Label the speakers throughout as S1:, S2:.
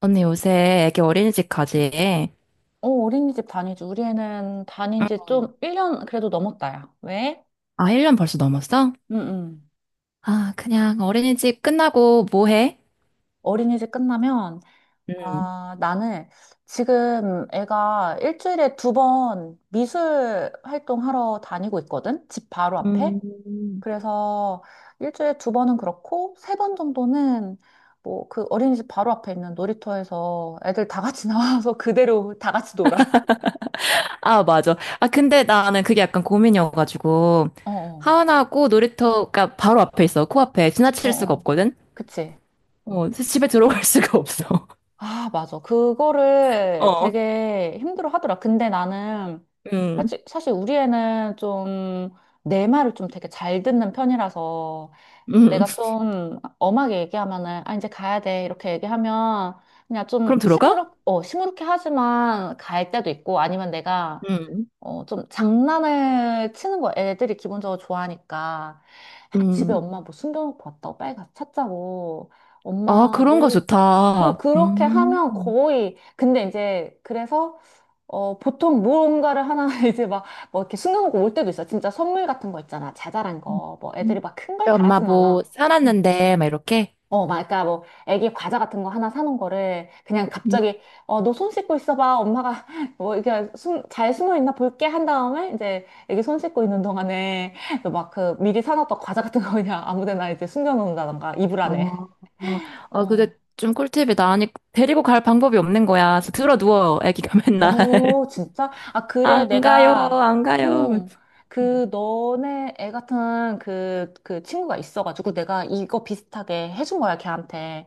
S1: 언니 요새 애기 어린이집 가지?
S2: 어, 어린이집 다니지. 우리 애는 다닌 지
S1: 응.
S2: 좀 1년 그래도 넘었다, 야. 왜?
S1: 아, 1년 벌써 넘었어?
S2: 응, 응.
S1: 아, 그냥 어린이집 끝나고 뭐 해?
S2: 어린이집 끝나면,
S1: 음.
S2: 아, 나는 지금 애가 일주일에 두 번 미술 활동하러 다니고 있거든? 집 바로 앞에?
S1: 음,
S2: 그래서 일주일에 두 번은 그렇고, 세 번 정도는 뭐 그 어린이집 바로 앞에 있는 놀이터에서 애들 다 같이 나와서 그대로 다 같이 놀아.
S1: 아, 맞아. 아, 근데 나는 그게 약간 고민이어가지고,
S2: 어, 어,
S1: 하원하고 놀이터가 바로 앞에 있어. 코앞에.
S2: 어,
S1: 지나칠 수가
S2: 어.
S1: 없거든?
S2: 그치?
S1: 어, 그래서 집에 들어갈 수가 없어.
S2: 아, 맞아. 그거를
S1: 어,
S2: 되게 힘들어 하더라. 근데 나는
S1: 음,
S2: 사실, 우리 애는 좀 내 말을 좀 되게 잘 듣는 편이라서
S1: 음.
S2: 내가 좀 엄하게 얘기하면은 아, 이제 가야 돼. 이렇게 얘기하면 그냥
S1: 그럼
S2: 좀
S1: 들어가?
S2: 시무룩, 어, 시무룩해 하지만 갈 때도 있고 아니면 내가
S1: 음,
S2: 어, 좀 장난을 치는 거 애들이 기본적으로 좋아하니까 아, 집에
S1: 음.
S2: 엄마 뭐 숨겨놓고 왔다고 빨리 가서 찾자고
S1: 아,
S2: 엄마
S1: 그런 거
S2: 뭐 어,
S1: 좋다.
S2: 그렇게
S1: 음.
S2: 하면 거의, 근데 이제, 그래서, 어, 보통 무언가를 하나 이제 막, 뭐 이렇게 숨겨놓고 올 때도 있어. 진짜 선물 같은 거 있잖아. 자잘한 거. 뭐
S1: 음.
S2: 애들이 막 큰 걸
S1: 엄마
S2: 바라진
S1: 뭐
S2: 않아. 음.
S1: 사놨는데, 막 이렇게?
S2: 어, 막, 그러니까 뭐, 애기 과자 같은 거 하나 사놓은 거를 그냥
S1: 음.
S2: 갑자기, 어, 너 손 씻고 있어봐. 엄마가 뭐, 이렇게 숨, 잘 숨어 있나 볼게 한 다음에, 이제, 애기 손 씻고 있는 동안에, 막 그 미리 사놨던 과자 같은 거 그냥 아무 데나 이제 숨겨놓는다던가, 이불 안에.
S1: 어, 아, 그게 좀 꿀팁이다. 아니, 데리고 갈 방법이 없는 거야. 그래서 들어 누워, 애기가 맨날.
S2: 어, 진짜? 아, 그래,
S1: 안 가요,
S2: 내가,
S1: 안 가요. 막.
S2: 응,
S1: 음.
S2: 그, 너네 애 같은 그 친구가 있어가지고 내가 이거 비슷하게 해준 거야, 걔한테.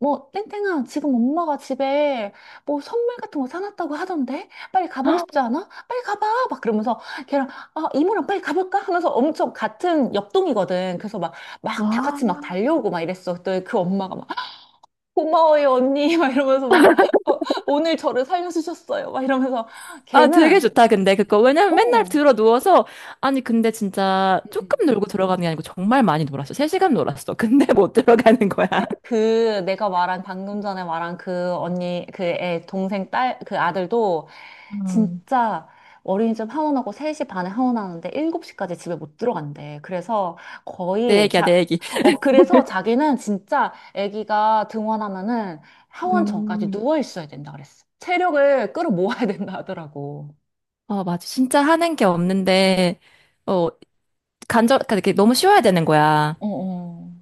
S2: 뭐, 땡땡아, 지금 엄마가 집에 뭐 선물 같은 거 사놨다고 하던데? 빨리 가보고 싶지 않아? 빨리 가봐! 막 그러면서 걔랑, 아, 이모랑 빨리 가볼까? 하면서 엄청 같은 옆동이거든. 그래서 막, 막 다
S1: 아,
S2: 같이 막 달려오고 막 이랬어. 그때 그 엄마가 막 고마워요, 언니. 막 이러면서 막, 어, 오늘 저를 살려주셨어요. 막 이러면서
S1: 아, 되게
S2: 걔는,
S1: 좋다, 근데 그거. 왜냐면 맨날
S2: 어,
S1: 들어 누워서, 아니, 근데 진짜
S2: 음, 음.
S1: 조금 놀고 들어가는 게 아니고 정말 많이 놀았어. 3시간 놀았어. 근데 못 들어가는 거야.
S2: 그 내가 말한 방금 전에 말한 그 언니 그 애 동생 딸 그 아들도
S1: 음.
S2: 진짜 어린이집 하원하고 3시 반에 하원하는데 7시까지 집에 못 들어간대. 그래서
S1: 내
S2: 거의
S1: 얘기야, 내
S2: 자
S1: 얘기.
S2: 어, 그래서 자기는 진짜 아기가 등원하면은 하원 전까지
S1: 음.
S2: 누워 있어야 된다 그랬어. 체력을 끌어모아야 된다 하더라고.
S1: 어, 맞아. 진짜 하는 게 없는데, 어, 간절, 그러니까 이렇게 너무 쉬워야 되는 거야.
S2: 어, 어.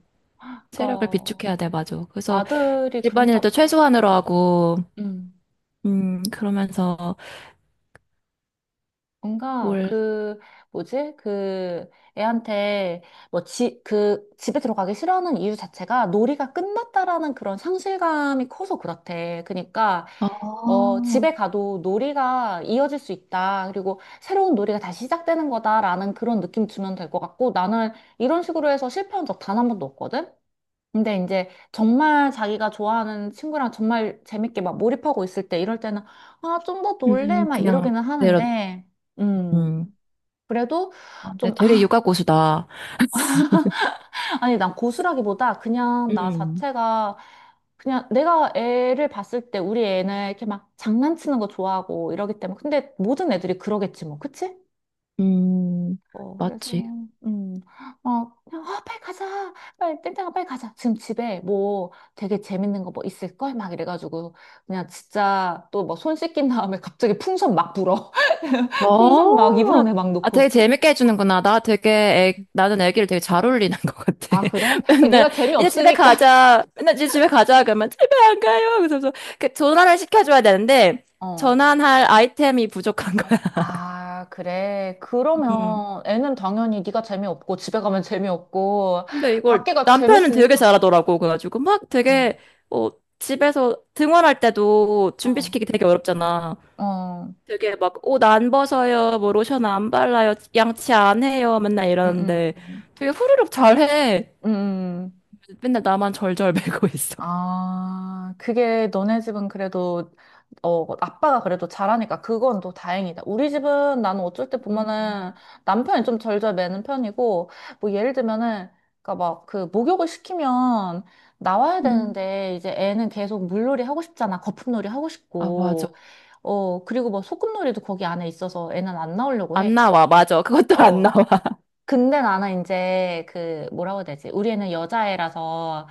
S1: 체력을 비축해야
S2: 그러니까
S1: 돼, 맞아. 그래서
S2: 아들이 그런가
S1: 집안일도
S2: 보다.
S1: 최소한으로 하고,
S2: 음.
S1: 그러면서
S2: 뭔가
S1: 뭘,
S2: 그 뭐지? 그 애한테 뭐 지 그 집에 들어가기 싫어하는 이유 자체가 놀이가 끝났다라는 그런 상실감이 커서 그렇대. 그러니까
S1: 아,
S2: 어 집에 가도 놀이가 이어질 수 있다. 그리고 새로운 놀이가 다시 시작되는 거다라는 그런 느낌 주면 될 것 같고 나는 이런 식으로 해서 실패한 적 단 한 번도 없거든. 근데 이제 정말 자기가 좋아하는 친구랑 정말 재밌게 막 몰입하고 있을 때 이럴 때는 아, 좀 더 놀래 막
S1: 그냥,
S2: 이러기는
S1: 내려,
S2: 하는데 음.
S1: 음,
S2: 그래도
S1: 아, 근데
S2: 좀
S1: 되게
S2: 아,
S1: 육아 고수다.
S2: 아니 난 고수라기보다 그냥 나
S1: 음,
S2: 자체가 그냥 내가 애를 봤을 때 우리 애는 이렇게 막 장난치는 거 좋아하고 이러기 때문에 근데 모든 애들이 그러겠지 뭐. 그치?
S1: 음,
S2: 어, 그래서,
S1: 맞지.
S2: 음, 막, 그냥, 아, 빨리 가자. 빨리, 땡땡아, 빨리 가자. 지금 집에 뭐 되게 재밌는 거 뭐 있을걸? 막 이래가지고, 그냥 진짜 또 뭐 손 씻긴 다음에 갑자기 풍선 막 불어. 풍선 막 이불
S1: 어,
S2: 안에 막
S1: 아, 되게
S2: 넣고.
S1: 재밌게 해주는구나. 나 되게, 애, 나는 애기를 되게 잘 어울리는 것 같아.
S2: 아, 그래? 아,
S1: 맨날,
S2: 네가
S1: 이제 집에
S2: 재미없으니까.
S1: 가자. 맨날 이제 집에 가자. 그러면 집에 안 가요. 그래서, 그 전환을 시켜줘야 되는데,
S2: 어.
S1: 전환할 아이템이 부족한 거야.
S2: 아, 그래.
S1: 음.
S2: 그러면 애는 당연히 네가 재미없고, 집에 가면 재미없고,
S1: 근데 이걸
S2: 밖에가
S1: 남편은 되게
S2: 재밌으니까.
S1: 잘하더라고. 그래가지고 막
S2: 어,
S1: 되게 어, 집에서 등원할 때도
S2: 어,
S1: 준비시키기 되게 어렵잖아.
S2: 어,
S1: 되게 막 옷 안 벗어요, 뭐 로션 안 발라요, 양치 안 해요, 맨날
S2: 음,
S1: 이러는데
S2: 음,
S1: 되게 후루룩 잘해.
S2: 음.
S1: 맨날 나만 절절매고 있어.
S2: 아, 그게 너네 집은 그래도, 어, 뭐 아빠가 그래도 잘하니까 그건 또 다행이다. 우리 집은 나는 어쩔 때 보면은 남편이 좀 절절매는 편이고, 뭐 예를 들면은, 그니까 막 그 목욕을 시키면 나와야
S1: 음.
S2: 되는데, 이제 애는 계속 물놀이 하고 싶잖아. 거품놀이 하고
S1: 아, 맞아.
S2: 싶고, 어, 그리고 뭐 소꿉놀이도 거기 안에 있어서 애는 안 나오려고
S1: 안
S2: 해.
S1: 나와, 맞아. 그것도 안
S2: 어.
S1: 나와.
S2: 근데 나는 이제 그 뭐라고 해야 되지? 우리는 애 여자애라서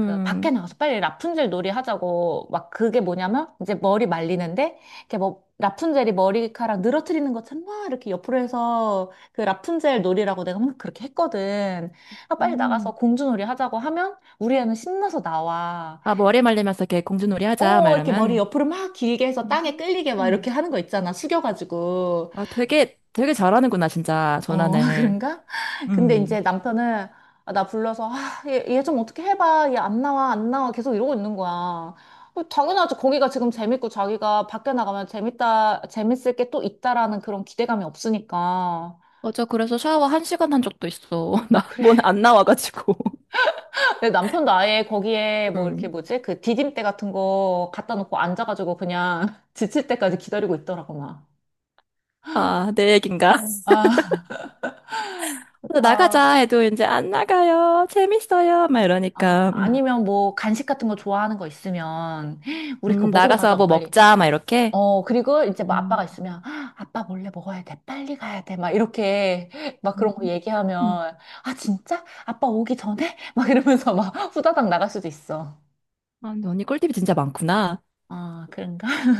S2: 그 밖에 나가서 빨리 라푼젤 놀이 하자고 막 그게 뭐냐면 이제 머리 말리는데 이렇게 뭐 라푼젤이 머리카락 늘어뜨리는 것처럼 막 이렇게 옆으로 해서 그 라푼젤 놀이라고 내가 막 그렇게 했거든. 아, 빨리 나가서
S1: 음.
S2: 공주놀이 하자고 하면 우리 애는 신나서 나와.
S1: 아, 머리 말리면서 이렇게 공주놀이 하자, 막
S2: 어, 이렇게 머리
S1: 이러면.
S2: 옆으로 막 길게 해서 땅에 끌리게 막
S1: 음.
S2: 이렇게 하는 거 있잖아. 숙여가지고.
S1: 아, 되게, 되게 잘하는구나, 진짜,
S2: 어,
S1: 전환을.
S2: 그런가? 근데
S1: 음.
S2: 이제 남편은 아, 나 불러서 아, 얘 좀 어떻게 해봐. 얘 안 나와, 안 나와. 계속 이러고 있는 거야. 어, 당연하지. 거기가 지금 재밌고 자기가 밖에 나가면 재밌다, 재밌을 게 또 있다라는 그런 기대감이 없으니까.
S1: 맞아. 그래서 샤워 한 시간 한 적도 있어. 나,
S2: 그래.
S1: 뭔 안 나와가지고.
S2: 내 남편도 아예 거기에 뭐 이렇게
S1: 음.
S2: 뭐지? 그 디딤대 같은 거 갖다 놓고 앉아가지고 그냥 지칠 때까지 기다리고 있더라고, 막.
S1: 아, 내 얘긴가?
S2: 아,
S1: 그래서
S2: 그러니까.
S1: 나가자 해도 이제 안 나가요. 재밌어요. 막
S2: 아,
S1: 이러니까.
S2: 아니면 뭐 간식 같은 거 좋아하는 거 있으면 우리 그거 먹으러
S1: 나가서
S2: 가자고
S1: 뭐
S2: 빨리.
S1: 먹자. 막 이렇게.
S2: 어, 그리고 이제 뭐 아빠가
S1: 음,
S2: 있으면, "아, 아빠 몰래 먹어야 돼. 빨리 가야 돼. 막 이렇게 막
S1: 음.
S2: 그런 거 얘기하면, 아, 진짜? 아빠 오기 전에? 막 이러면서 막 후다닥 나갈 수도 있어.
S1: 아, 근데 언니 꿀팁이 진짜 많구나.
S2: 아, 그런가?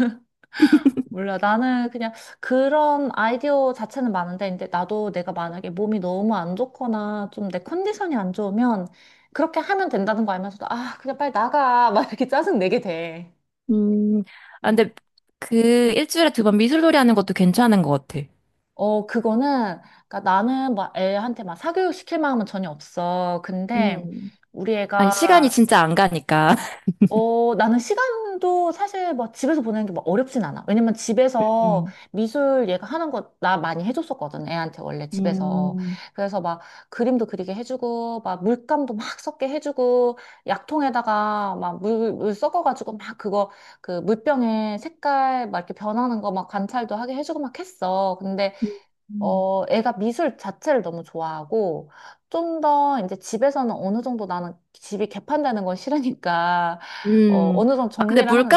S2: 몰라. 나는 그냥 그런 아이디어 자체는 많은데, 근데 나도 내가 만약에 몸이 너무 안 좋거나 좀 내 컨디션이 안 좋으면 그렇게 하면 된다는 거 알면서도, 아, 그냥 빨리 나가. 막 이렇게 짜증 내게 돼.
S1: 음, 아,
S2: 어.
S1: 근데 그 일주일에 두 번 미술놀이 하는 것도 괜찮은 것 같아.
S2: 어, 그거는, 그러니까 나는 막 애한테 막 사교육 시킬 마음은 전혀 없어. 근데
S1: 음.
S2: 우리
S1: 아니, 시간이
S2: 애가,
S1: 진짜 안 가니까.
S2: 어, 나는 시간도 사실 막 집에서 보내는 게 막 어렵진 않아. 왜냐면 집에서
S1: 음.
S2: 미술 얘가 하는 거 나 많이 해줬었거든. 애한테 원래 집에서.
S1: 음.
S2: 그래서 막 그림도 그리게 해주고, 막 물감도 막 섞게 해주고, 약통에다가 막 물 섞어가지고 막 그거, 그 물병에 색깔 막 이렇게 변하는 거 막 관찰도 하게 해주고 막 했어. 근데
S1: 음.
S2: 어, 애가 미술 자체를 너무 좋아하고, 좀 더 이제 집에서는 어느 정도 나는 집이 개판되는 건 싫으니까, 어,
S1: 음.
S2: 어느 정도
S1: 아, 근데
S2: 정리를 하는,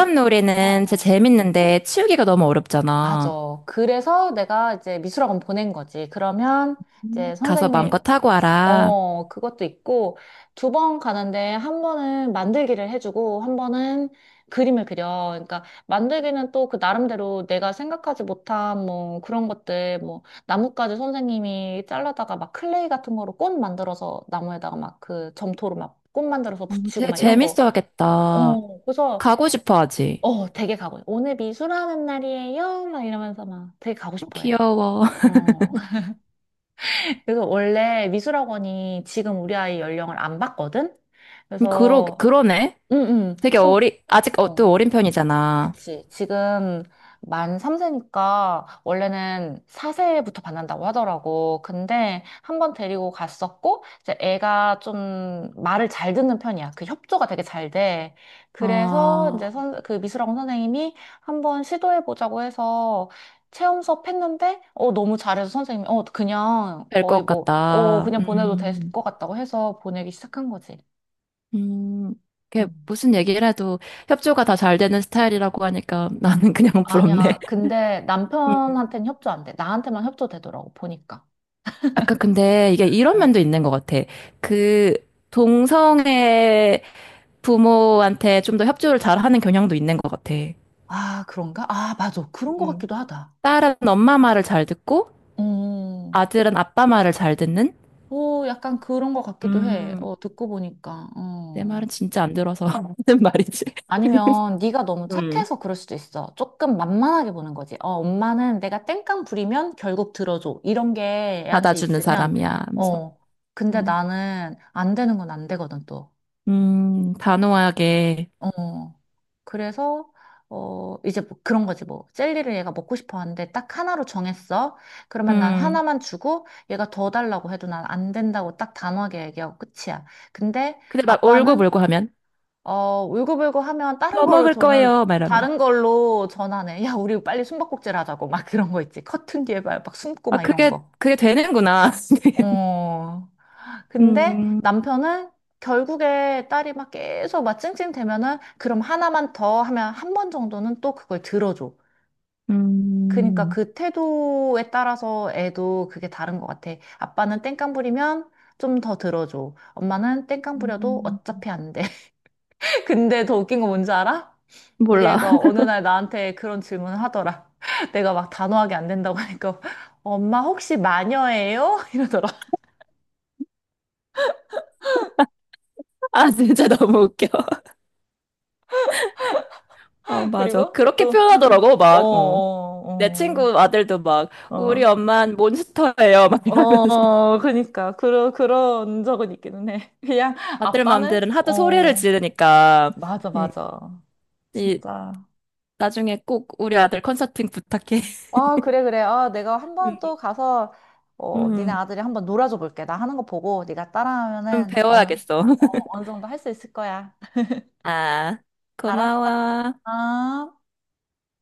S2: 어,
S1: 진짜
S2: 어.
S1: 재밌는데 치우기가 너무 어렵잖아.
S2: 맞아. 그래서 내가 이제 미술학원 보낸 거지. 그러면 이제
S1: 가서
S2: 선생님이
S1: 마음껏 하고 와라.
S2: 어, 그것도 있고, 두 번 가는데 한 번은 만들기를 해주고, 한 번은 그림을 그려. 그러니까 만들기는 또 그 나름대로 내가 생각하지 못한 뭐 그런 것들, 뭐 나뭇가지 선생님이 잘라다가 막 클레이 같은 거로 꽃 만들어서 나무에다가 막 그 점토로 막 꽃 만들어서
S1: 어,
S2: 붙이고
S1: 되게
S2: 막 이런 거.
S1: 재밌어 하겠다.
S2: 어, 그래서,
S1: 가고 싶어 하지.
S2: 어, 되게 가고, 오늘 미술하는 날이에요? 막 이러면서 막 되게 가고 싶어 해.
S1: 귀여워.
S2: 어. 그래서 원래 미술학원이 지금 우리 아이 연령을 안 받거든?
S1: 그러,
S2: 그래서,
S1: 그러네.
S2: 응, 응.
S1: 되게
S2: 좀,
S1: 어리, 아직 어,
S2: 어,
S1: 또 어린 편이잖아.
S2: 그치. 지금 만 3세니까 원래는 4세부터 받는다고 하더라고. 근데 한번 데리고 갔었고, 이제 애가 좀 말을 잘 듣는 편이야. 그 협조가 되게 잘 돼. 그래서 이제
S1: 아,
S2: 선, 그 미술학원 선생님이 한번 시도해보자고 해서 체험 수업 했는데, 어, 너무 잘해서 선생님이, 어, 그냥
S1: 될
S2: 거의
S1: 것
S2: 뭐, 어,
S1: 같다.
S2: 그냥 보내도 될 것 같다고 해서 보내기 시작한 거지.
S1: 음. 이게
S2: 음.
S1: 무슨 얘기를 해도 협조가 다 잘 되는 스타일이라고 하니까 나는 그냥 부럽네.
S2: 아니야. 근데
S1: 음.
S2: 남편한테는 협조 안 돼. 나한테만 협조되더라고, 보니까.
S1: 아까 근데 이게 이런
S2: 어.
S1: 면도 있는 것 같아. 그 동성애 부모한테 좀 더 협조를 잘하는 경향도 있는 것 같아.
S2: 아, 그런가? 아, 맞아. 그런 것
S1: 음.
S2: 같기도 하다.
S1: 딸은 엄마 말을 잘 듣고
S2: 음,
S1: 아들은 아빠 말을 잘 듣는?
S2: 오, 약간 그런 것 같기도 해.
S1: 음,
S2: 어, 듣고 보니까.
S1: 내
S2: 어.
S1: 말은 진짜 안 들어서 하는 말이지.
S2: 아니면 네가 너무
S1: 음.
S2: 착해서 그럴 수도 있어. 조금 만만하게 보는 거지. 어, 엄마는 내가 땡깡 부리면 결국 들어줘. 이런 게 애한테
S1: 받아주는
S2: 있으면,
S1: 사람이야 하면서.
S2: 어, 근데
S1: 음,
S2: 나는 안 되는 건 안 되거든, 또.
S1: 단호하게.
S2: 어. 그래서 어 이제 뭐 그런 거지 뭐 젤리를 얘가 먹고 싶어 하는데 딱 하나로 정했어. 그러면 난
S1: 음.
S2: 하나만 주고 얘가 더 달라고 해도 난 안 된다고 딱 단호하게 얘기하고 끝이야. 근데
S1: 근데 막
S2: 아빠는
S1: 울고불고 하면
S2: 어 울고불고 하면 다른
S1: 더
S2: 걸로
S1: 먹을
S2: 저는
S1: 거예요 말하면.
S2: 다른 걸로 전환해. 야, 우리 빨리 숨바꼭질 하자고 막 그런 거 있지. 커튼 뒤에 막, 막 숨고
S1: 아
S2: 막 이런
S1: 그게
S2: 거.
S1: 그게 되는구나.
S2: 어. 근데
S1: 음,
S2: 남편은 결국에 딸이 막 계속 막 찡찡대면은 그럼 하나만 더 하면 한 번 정도는 또 그걸 들어줘. 그러니까
S1: 음.
S2: 그 태도에 따라서 애도 그게 다른 것 같아. 아빠는 땡깡 부리면 좀 더 들어줘. 엄마는 땡깡 부려도
S1: 음,
S2: 어차피 안 돼. 근데 더 웃긴 거 뭔지 알아? 우리
S1: 몰라.
S2: 애가 어느 날 나한테 그런 질문을 하더라. 내가 막 단호하게 안 된다고 하니까 엄마 혹시 마녀예요? 이러더라.
S1: 아, 진짜 너무 웃겨. 어, 맞아.
S2: 그리고
S1: 그렇게
S2: 또
S1: 표현하더라고,
S2: 어,
S1: 막. 어. 내
S2: 어, 어.
S1: 친구 아들도 막, 우리
S2: 어,
S1: 엄만 몬스터예요. 막 이러면서.
S2: 어, 그니까, 그러, 그런 적은 있기는 해. 그냥,
S1: 아들
S2: 아빠는?
S1: 맘들은 하도 소리를
S2: 어,
S1: 지르니까,
S2: 맞아,
S1: 음,
S2: 맞아.
S1: 이,
S2: 진짜.
S1: 나중에 꼭 우리 아들 컨설팅 부탁해.
S2: 아, 그래, 그래. 아, 내가 한
S1: 음,
S2: 번 또 가서, 어, 니네
S1: 음,
S2: 아들이 한번 놀아줘 볼게. 나 하는 거 보고, 네가
S1: 좀
S2: 따라하면은, 어느,
S1: 배워야겠어.
S2: 어, 어느 정도 할 수 있을 거야.
S1: 아,
S2: 알았어.
S1: 고마워.
S2: 아.